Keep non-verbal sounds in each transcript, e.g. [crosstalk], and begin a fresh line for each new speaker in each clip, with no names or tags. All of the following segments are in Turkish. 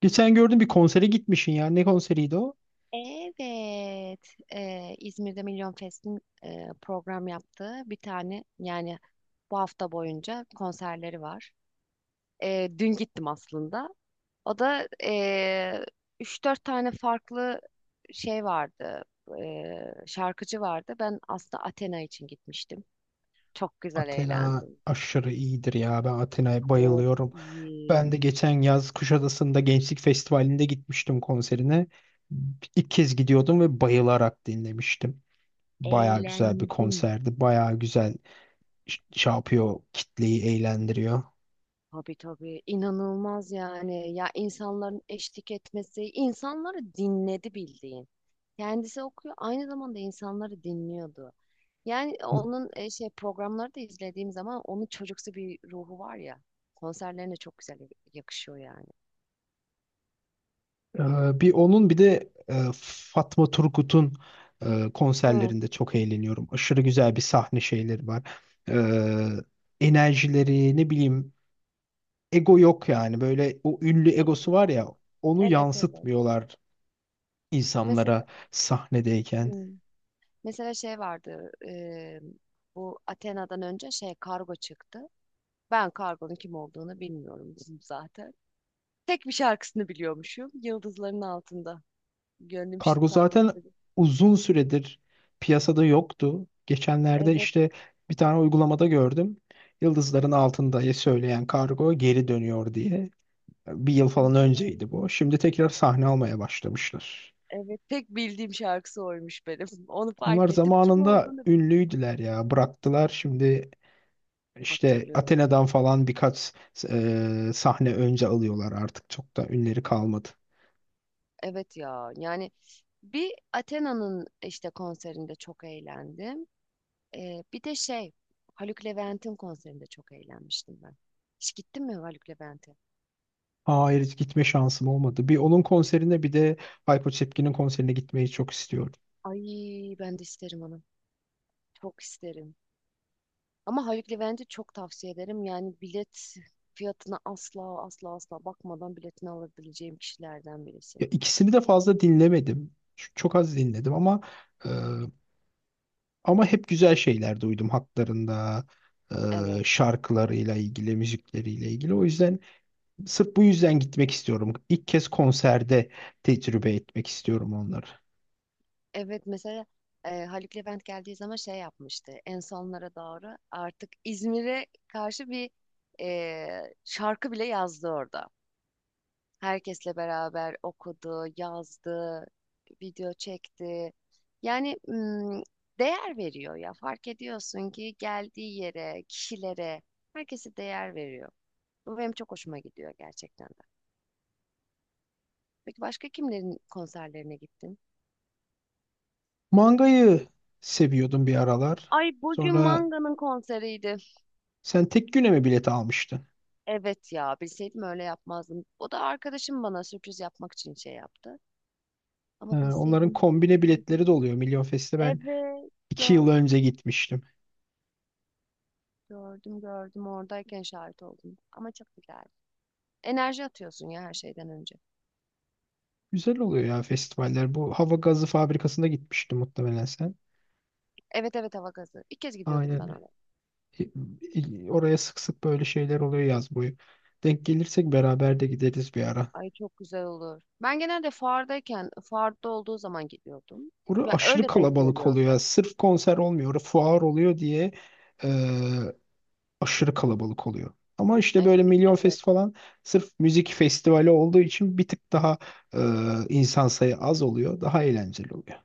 Geçen gördüm bir konsere gitmişsin ya. Ne konseriydi o?
Evet, İzmir'de Milyon Fest'in program yaptığı bir tane yani bu hafta boyunca konserleri var. Dün gittim aslında. O da 3-4 tane farklı şey vardı, şarkıcı vardı. Ben aslında Athena için gitmiştim. Çok güzel
Athena
eğlendim.
aşırı iyidir ya. Ben Athena'ya
Çok
bayılıyorum. Ben de
iyi.
geçen yaz Kuşadası'nda Gençlik Festivali'nde gitmiştim konserine. İlk kez gidiyordum ve bayılarak dinlemiştim. Baya güzel bir
Eğlendim.
konserdi. Baya güzel şey yapıyor, kitleyi eğlendiriyor.
Tabii tabii, inanılmaz yani, ya insanların eşlik etmesi, insanları dinledi bildiğin. Kendisi okuyor, aynı zamanda insanları dinliyordu. Yani onun şey programları da izlediğim zaman onun çocuksu bir ruhu var ya, konserlerine çok güzel yakışıyor yani.
Ee, Bir onun bir de Fatma Turgut'un
Hı.
konserlerinde çok eğleniyorum. Aşırı güzel bir sahne şeyleri var. Ee, Enerjileri ne bileyim, ego yok yani. Böyle o ünlü
Evet
egosu var
ya.
ya, onu
Evet, evet.
yansıtmıyorlar
Mesela
insanlara sahnedeyken.
hmm, mesela şey vardı. Bu Athena'dan önce şey kargo çıktı. Ben kargonun kim olduğunu bilmiyorum [laughs] zaten. Tek bir şarkısını biliyormuşum. Yıldızların altında. Gönlüm şu
Kargo
sarhoş
zaten
dedi.
uzun süredir piyasada yoktu. Geçenlerde
Evet,
işte bir tane uygulamada gördüm. Yıldızların altında söyleyen kargo geri dönüyor diye. Bir yıl falan önceydi
evet.
bu. Şimdi tekrar sahne almaya başlamışlar.
Evet, tek bildiğim şarkısı oymuş benim. [laughs] Onu
Onlar
fark ettim. Kim
zamanında
olduğunu bilmiyorum.
ünlüydüler ya. Bıraktılar şimdi. İşte
Hatırlıyorum.
Athena'dan falan birkaç sahne önce alıyorlar artık. Çok da ünleri kalmadı.
Evet ya. Yani bir Athena'nın işte konserinde çok eğlendim. Bir de şey Haluk Levent'in konserinde çok eğlenmiştim ben. Hiç gittin mi Haluk Levent'e?
Hayır, hiç gitme şansım olmadı. Bir onun konserine bir de Hayko Cepkin'in konserine gitmeyi çok istiyorum.
Ay, ben de isterim onu. Çok isterim. Ama Haluk Levent'i çok tavsiye ederim. Yani bilet fiyatına asla asla asla bakmadan biletini alabileceğim kişilerden birisi.
Ya ikisini de fazla dinlemedim. Çok az dinledim ama e, ama hep güzel şeyler duydum haklarında,
Evet.
şarkılarıyla ilgili, müzikleriyle ilgili. O yüzden sırf bu yüzden gitmek istiyorum. İlk kez konserde tecrübe etmek istiyorum onları.
Evet mesela Haluk Levent geldiği zaman şey yapmıştı. En sonlara doğru artık İzmir'e karşı bir şarkı bile yazdı orada. Herkesle beraber okudu, yazdı, video çekti. Yani değer veriyor ya. Fark ediyorsun ki geldiği yere, kişilere, herkese değer veriyor. Bu benim çok hoşuma gidiyor gerçekten de. Peki başka kimlerin konserlerine gittin?
Mangayı seviyordum bir aralar.
Ay, hmm. Bugün
Sonra,
Manga'nın konseriydi.
sen tek güne mi bilet almıştın?
Evet ya, bilseydim öyle yapmazdım. O da arkadaşım bana sürpriz yapmak için şey yaptı. Ama
Onların
bilseydim.
kombine biletleri de oluyor. Milyon
[laughs]
Fest'e ben
Evet,
iki yıl önce
gördüm.
gitmiştim.
Gördüm, gördüm, oradayken şahit oldum. Ama çok güzeldi. Enerji atıyorsun ya, her şeyden önce.
Güzel oluyor ya festivaller. Bu hava gazı fabrikasında gitmiştim muhtemelen sen.
Evet, evet, hava gazı. İlk kez gidiyordum ben
Aynen.
oraya.
Oraya sık sık böyle şeyler oluyor yaz boyu. Denk gelirsek beraber de gideriz bir ara.
Ay, çok güzel olur. Ben genelde fuardayken, fuarda olduğu zaman gidiyordum.
Orası
Ya
aşırı
öyle denk
kalabalık
geliyordu.
oluyor. Sırf konser olmuyor. Orası fuar oluyor diye e, aşırı kalabalık oluyor. Ama işte
Yani
böyle Milyon
evet,
Fest falan sırf müzik festivali olduğu için bir tık daha e, insan sayı az oluyor. Daha eğlenceli oluyor.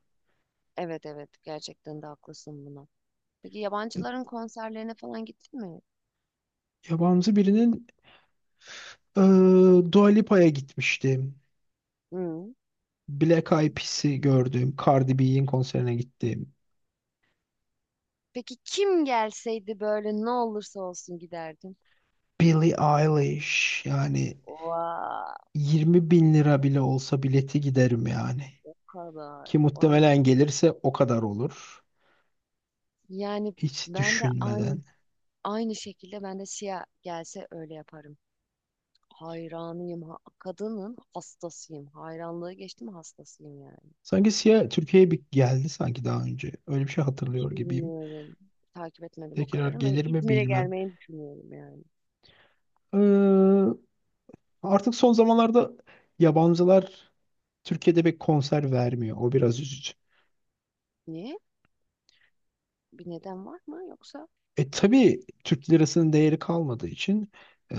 evet, evet. Gerçekten de haklısın buna. Peki yabancıların konserlerine falan gittin mi?
Yabancı birinin, e, Dua Lipa'ya gitmiştim.
Hı.
Black Eyed Peas'i gördüm. Cardi B'nin konserine gittim.
Peki kim gelseydi böyle ne olursa olsun giderdim.
Billie Eilish yani,
Vay,
20 bin lira bile olsa bileti giderim yani.
o kadar.
Ki
Vay.
muhtemelen gelirse o kadar olur.
Yani
Hiç
ben de aynı
düşünmeden.
aynı şekilde ben de Siyah gelse öyle yaparım. Hayranıyım. Kadının hastasıyım. Hayranlığı geçtim, hastasıyım yani.
Sanki Sia Türkiye'ye bir geldi sanki daha önce. Öyle bir şey hatırlıyor
Hiç
gibiyim.
bilmiyorum. Takip etmedim o
Tekrar
kadar ama
gelir mi
İzmir'e
bilmem.
gelmeyi düşünüyorum yani.
Ee, Artık son zamanlarda yabancılar Türkiye'de bir konser vermiyor. O biraz üzücü.
Niye? Bir neden var mı yoksa?
E tabii Türk lirasının değeri kalmadığı için, ee,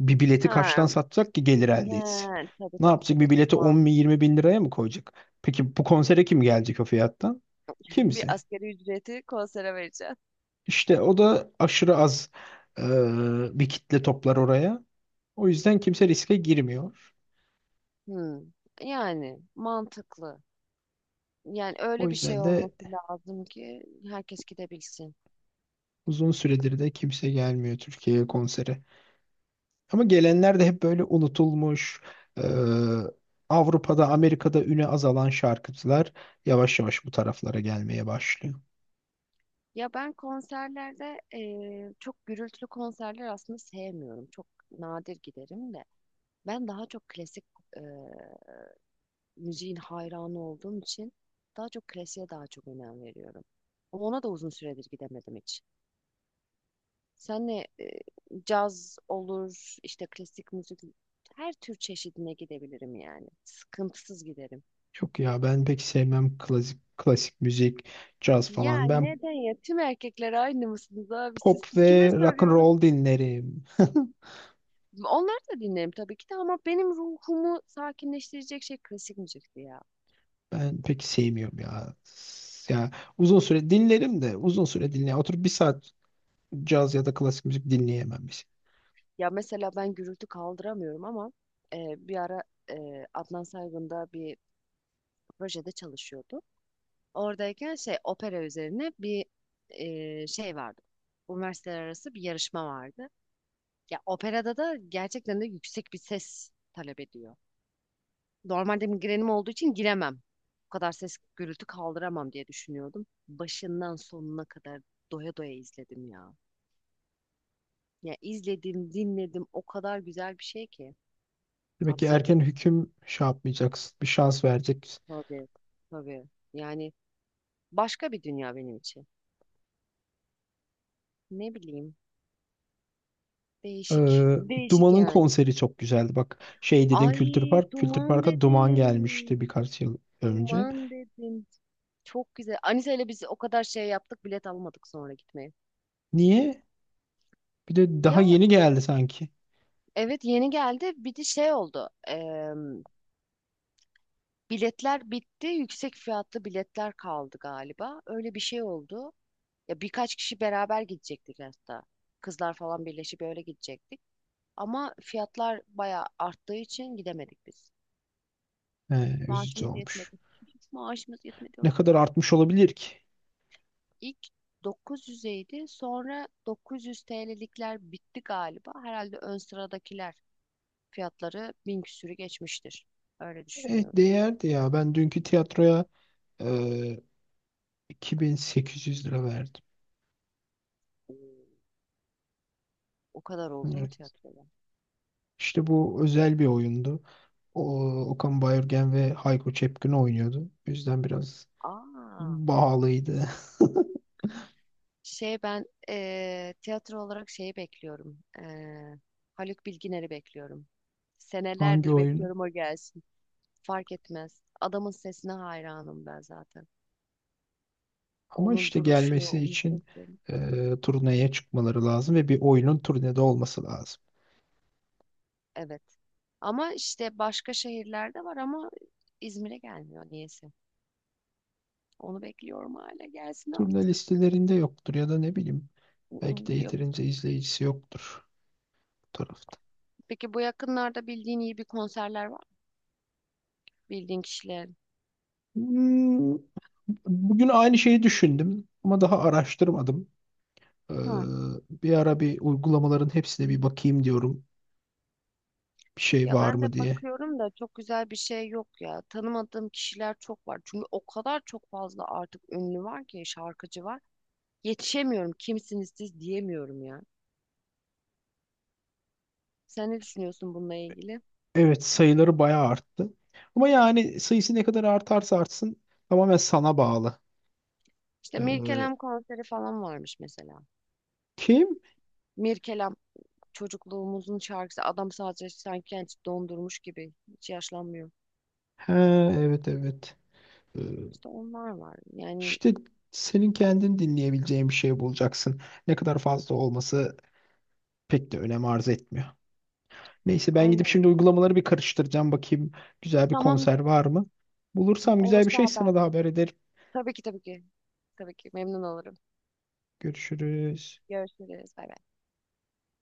bir bileti kaçtan
Ha,
satacak ki gelir
ha,
elde etsin?
tabii,
Ne
tabii,
yapacak? Bir
tabii, çok
bileti 10 bin
mantıklı.
20 bin liraya mı koyacak? Peki bu konsere kim gelecek o fiyattan?
[laughs] Bir
Kimse.
asgari ücreti konsere vereceğim.
İşte o da aşırı az bir kitle toplar oraya. O yüzden kimse riske girmiyor.
Hmm. Yani mantıklı. Yani
O
öyle bir şey
yüzden de
olması lazım ki herkes gidebilsin.
uzun süredir de kimse gelmiyor Türkiye'ye konsere. Ama gelenler de hep böyle unutulmuş, e, Avrupa'da, Amerika'da üne azalan şarkıcılar yavaş yavaş bu taraflara gelmeye başlıyor.
Ya ben konserlerde çok gürültülü konserler aslında sevmiyorum. Çok nadir giderim de. Ben daha çok klasik müziğin hayranı olduğum için daha çok klasiğe daha çok önem veriyorum. Ama ona da uzun süredir gidemedim hiç. Senle caz olur, işte klasik müzik, her tür çeşidine gidebilirim yani. Sıkıntısız giderim.
Yok ya, ben pek sevmem klasik klasik müzik, caz
Ya
falan. Ben
neden ya? Tüm erkekler aynı mısınız abi? Siz,
pop ve
kime
rock and
soruyorum?
roll dinlerim. [laughs]
Onları da dinlerim tabii ki de ama benim ruhumu sakinleştirecek şey klasik müzikti ya.
Ben pek sevmiyorum ya. Ya uzun süre dinlerim de uzun süre dinleyemem. Oturup bir saat caz ya da klasik müzik dinleyemem. Biz.
Ya mesela ben gürültü kaldıramıyorum ama bir ara Adnan Saygın'da bir projede çalışıyordu. Oradayken şey opera üzerine bir şey vardı. Üniversiteler arası bir yarışma vardı. Ya operada da gerçekten de yüksek bir ses talep ediyor. Normalde migrenim olduğu için giremem. Bu kadar ses, gürültü kaldıramam diye düşünüyordum. Başından sonuna kadar doya doya izledim ya. Ya izledim, dinledim. O kadar güzel bir şey ki.
Demek ki
Tavsiye
erken
ederim.
hüküm şey yapmayacaksın. Bir şans vereceksin.
Tabii, tabii. Yani başka bir dünya benim için. Ne bileyim. Değişik.
Ee,
Değişik
Duman'ın
yani.
konseri çok güzeldi. Bak şey dedin,
Ay,
Kültür Park. Kültür
duman
Park'a Duman gelmişti
dedim.
birkaç yıl önce.
Duman dedim. Çok güzel. Anise ile biz o kadar şey yaptık, bilet almadık sonra gitmeye.
Niye? Bir de daha
Ya
yeni geldi sanki.
evet, yeni geldi. Bir de şey oldu. Biletler bitti. Yüksek fiyatlı biletler kaldı galiba. Öyle bir şey oldu. Ya birkaç kişi beraber gidecektik hatta. Kızlar falan birleşip öyle gidecektik. Ama fiyatlar bayağı arttığı için gidemedik biz.
He, üzücü
Maaşımız
olmuş.
yetmedi. [laughs] Maaşımız yetmedi.
Ne kadar artmış olabilir ki?
İlk 900'eydi. Sonra 900 TL'likler bitti galiba. Herhalde ön sıradakiler, fiyatları bin küsürü geçmiştir. Öyle
E,
düşünüyorum.
değerdi ya. Ben dünkü tiyatroya e, 2.800 lira verdim.
Oo, o kadar oldu mu
Evet.
tiyatroda?
İşte bu özel bir oyundu. O, Okan Bayülgen ve Hayko Cepkin oynuyordu. O yüzden biraz
Aa,
pahalıydı.
şey, ben tiyatro olarak şeyi bekliyorum. Haluk Bilginer'i bekliyorum.
[laughs] Hangi
Senelerdir
oyunu?
bekliyorum o gelsin. Fark etmez. Adamın sesine hayranım ben zaten.
Ama
Onun
işte
duruşu,
gelmesi
onun
için
sesi.
turneye çıkmaları lazım ve bir oyunun turnede olması lazım.
Evet. Ama işte başka şehirlerde var ama İzmir'e gelmiyor niyeyse. Onu bekliyorum hala gelsin
Turne
artık.
listelerinde yoktur ya da ne bileyim, belki de
Yok.
yeterince izleyicisi yoktur bu tarafta.
Peki bu yakınlarda bildiğin iyi bir konserler var mı? Bildiğin kişiler.
Hmm, bugün aynı şeyi düşündüm ama daha araştırmadım. Ee,
Hı.
Bir ara bir uygulamaların hepsine bir bakayım diyorum. Bir şey
Ya
var
ben
mı
de
diye.
bakıyorum da çok güzel bir şey yok ya. Tanımadığım kişiler çok var. Çünkü o kadar çok fazla artık ünlü var ki, şarkıcı var. Yetişemiyorum, kimsiniz siz diyemiyorum ya. Sen ne düşünüyorsun bununla ilgili?
Evet, sayıları bayağı arttı. Ama yani sayısı ne kadar artarsa artsın tamamen sana bağlı.
İşte
Ee,
Mirkelam konseri falan varmış mesela.
Kim?
Mirkelam çocukluğumuzun şarkısı. Adam sadece sanki kendisi dondurmuş gibi. Hiç yaşlanmıyor.
Ha, evet evet. Ee,
İşte onlar var. Yani
İşte senin kendin dinleyebileceğin bir şey bulacaksın. Ne kadar fazla olması pek de önem arz etmiyor. Neyse, ben gidip
aynen.
şimdi uygulamaları bir karıştıracağım. Bakayım güzel bir
Tamam,
konser var mı? Bulursam güzel bir
olursa
şey sana
haber
da
ver.
haber ederim.
Tabii ki, tabii ki. Tabii ki memnun olurum.
Görüşürüz.
Görüşürüz. Bay bay.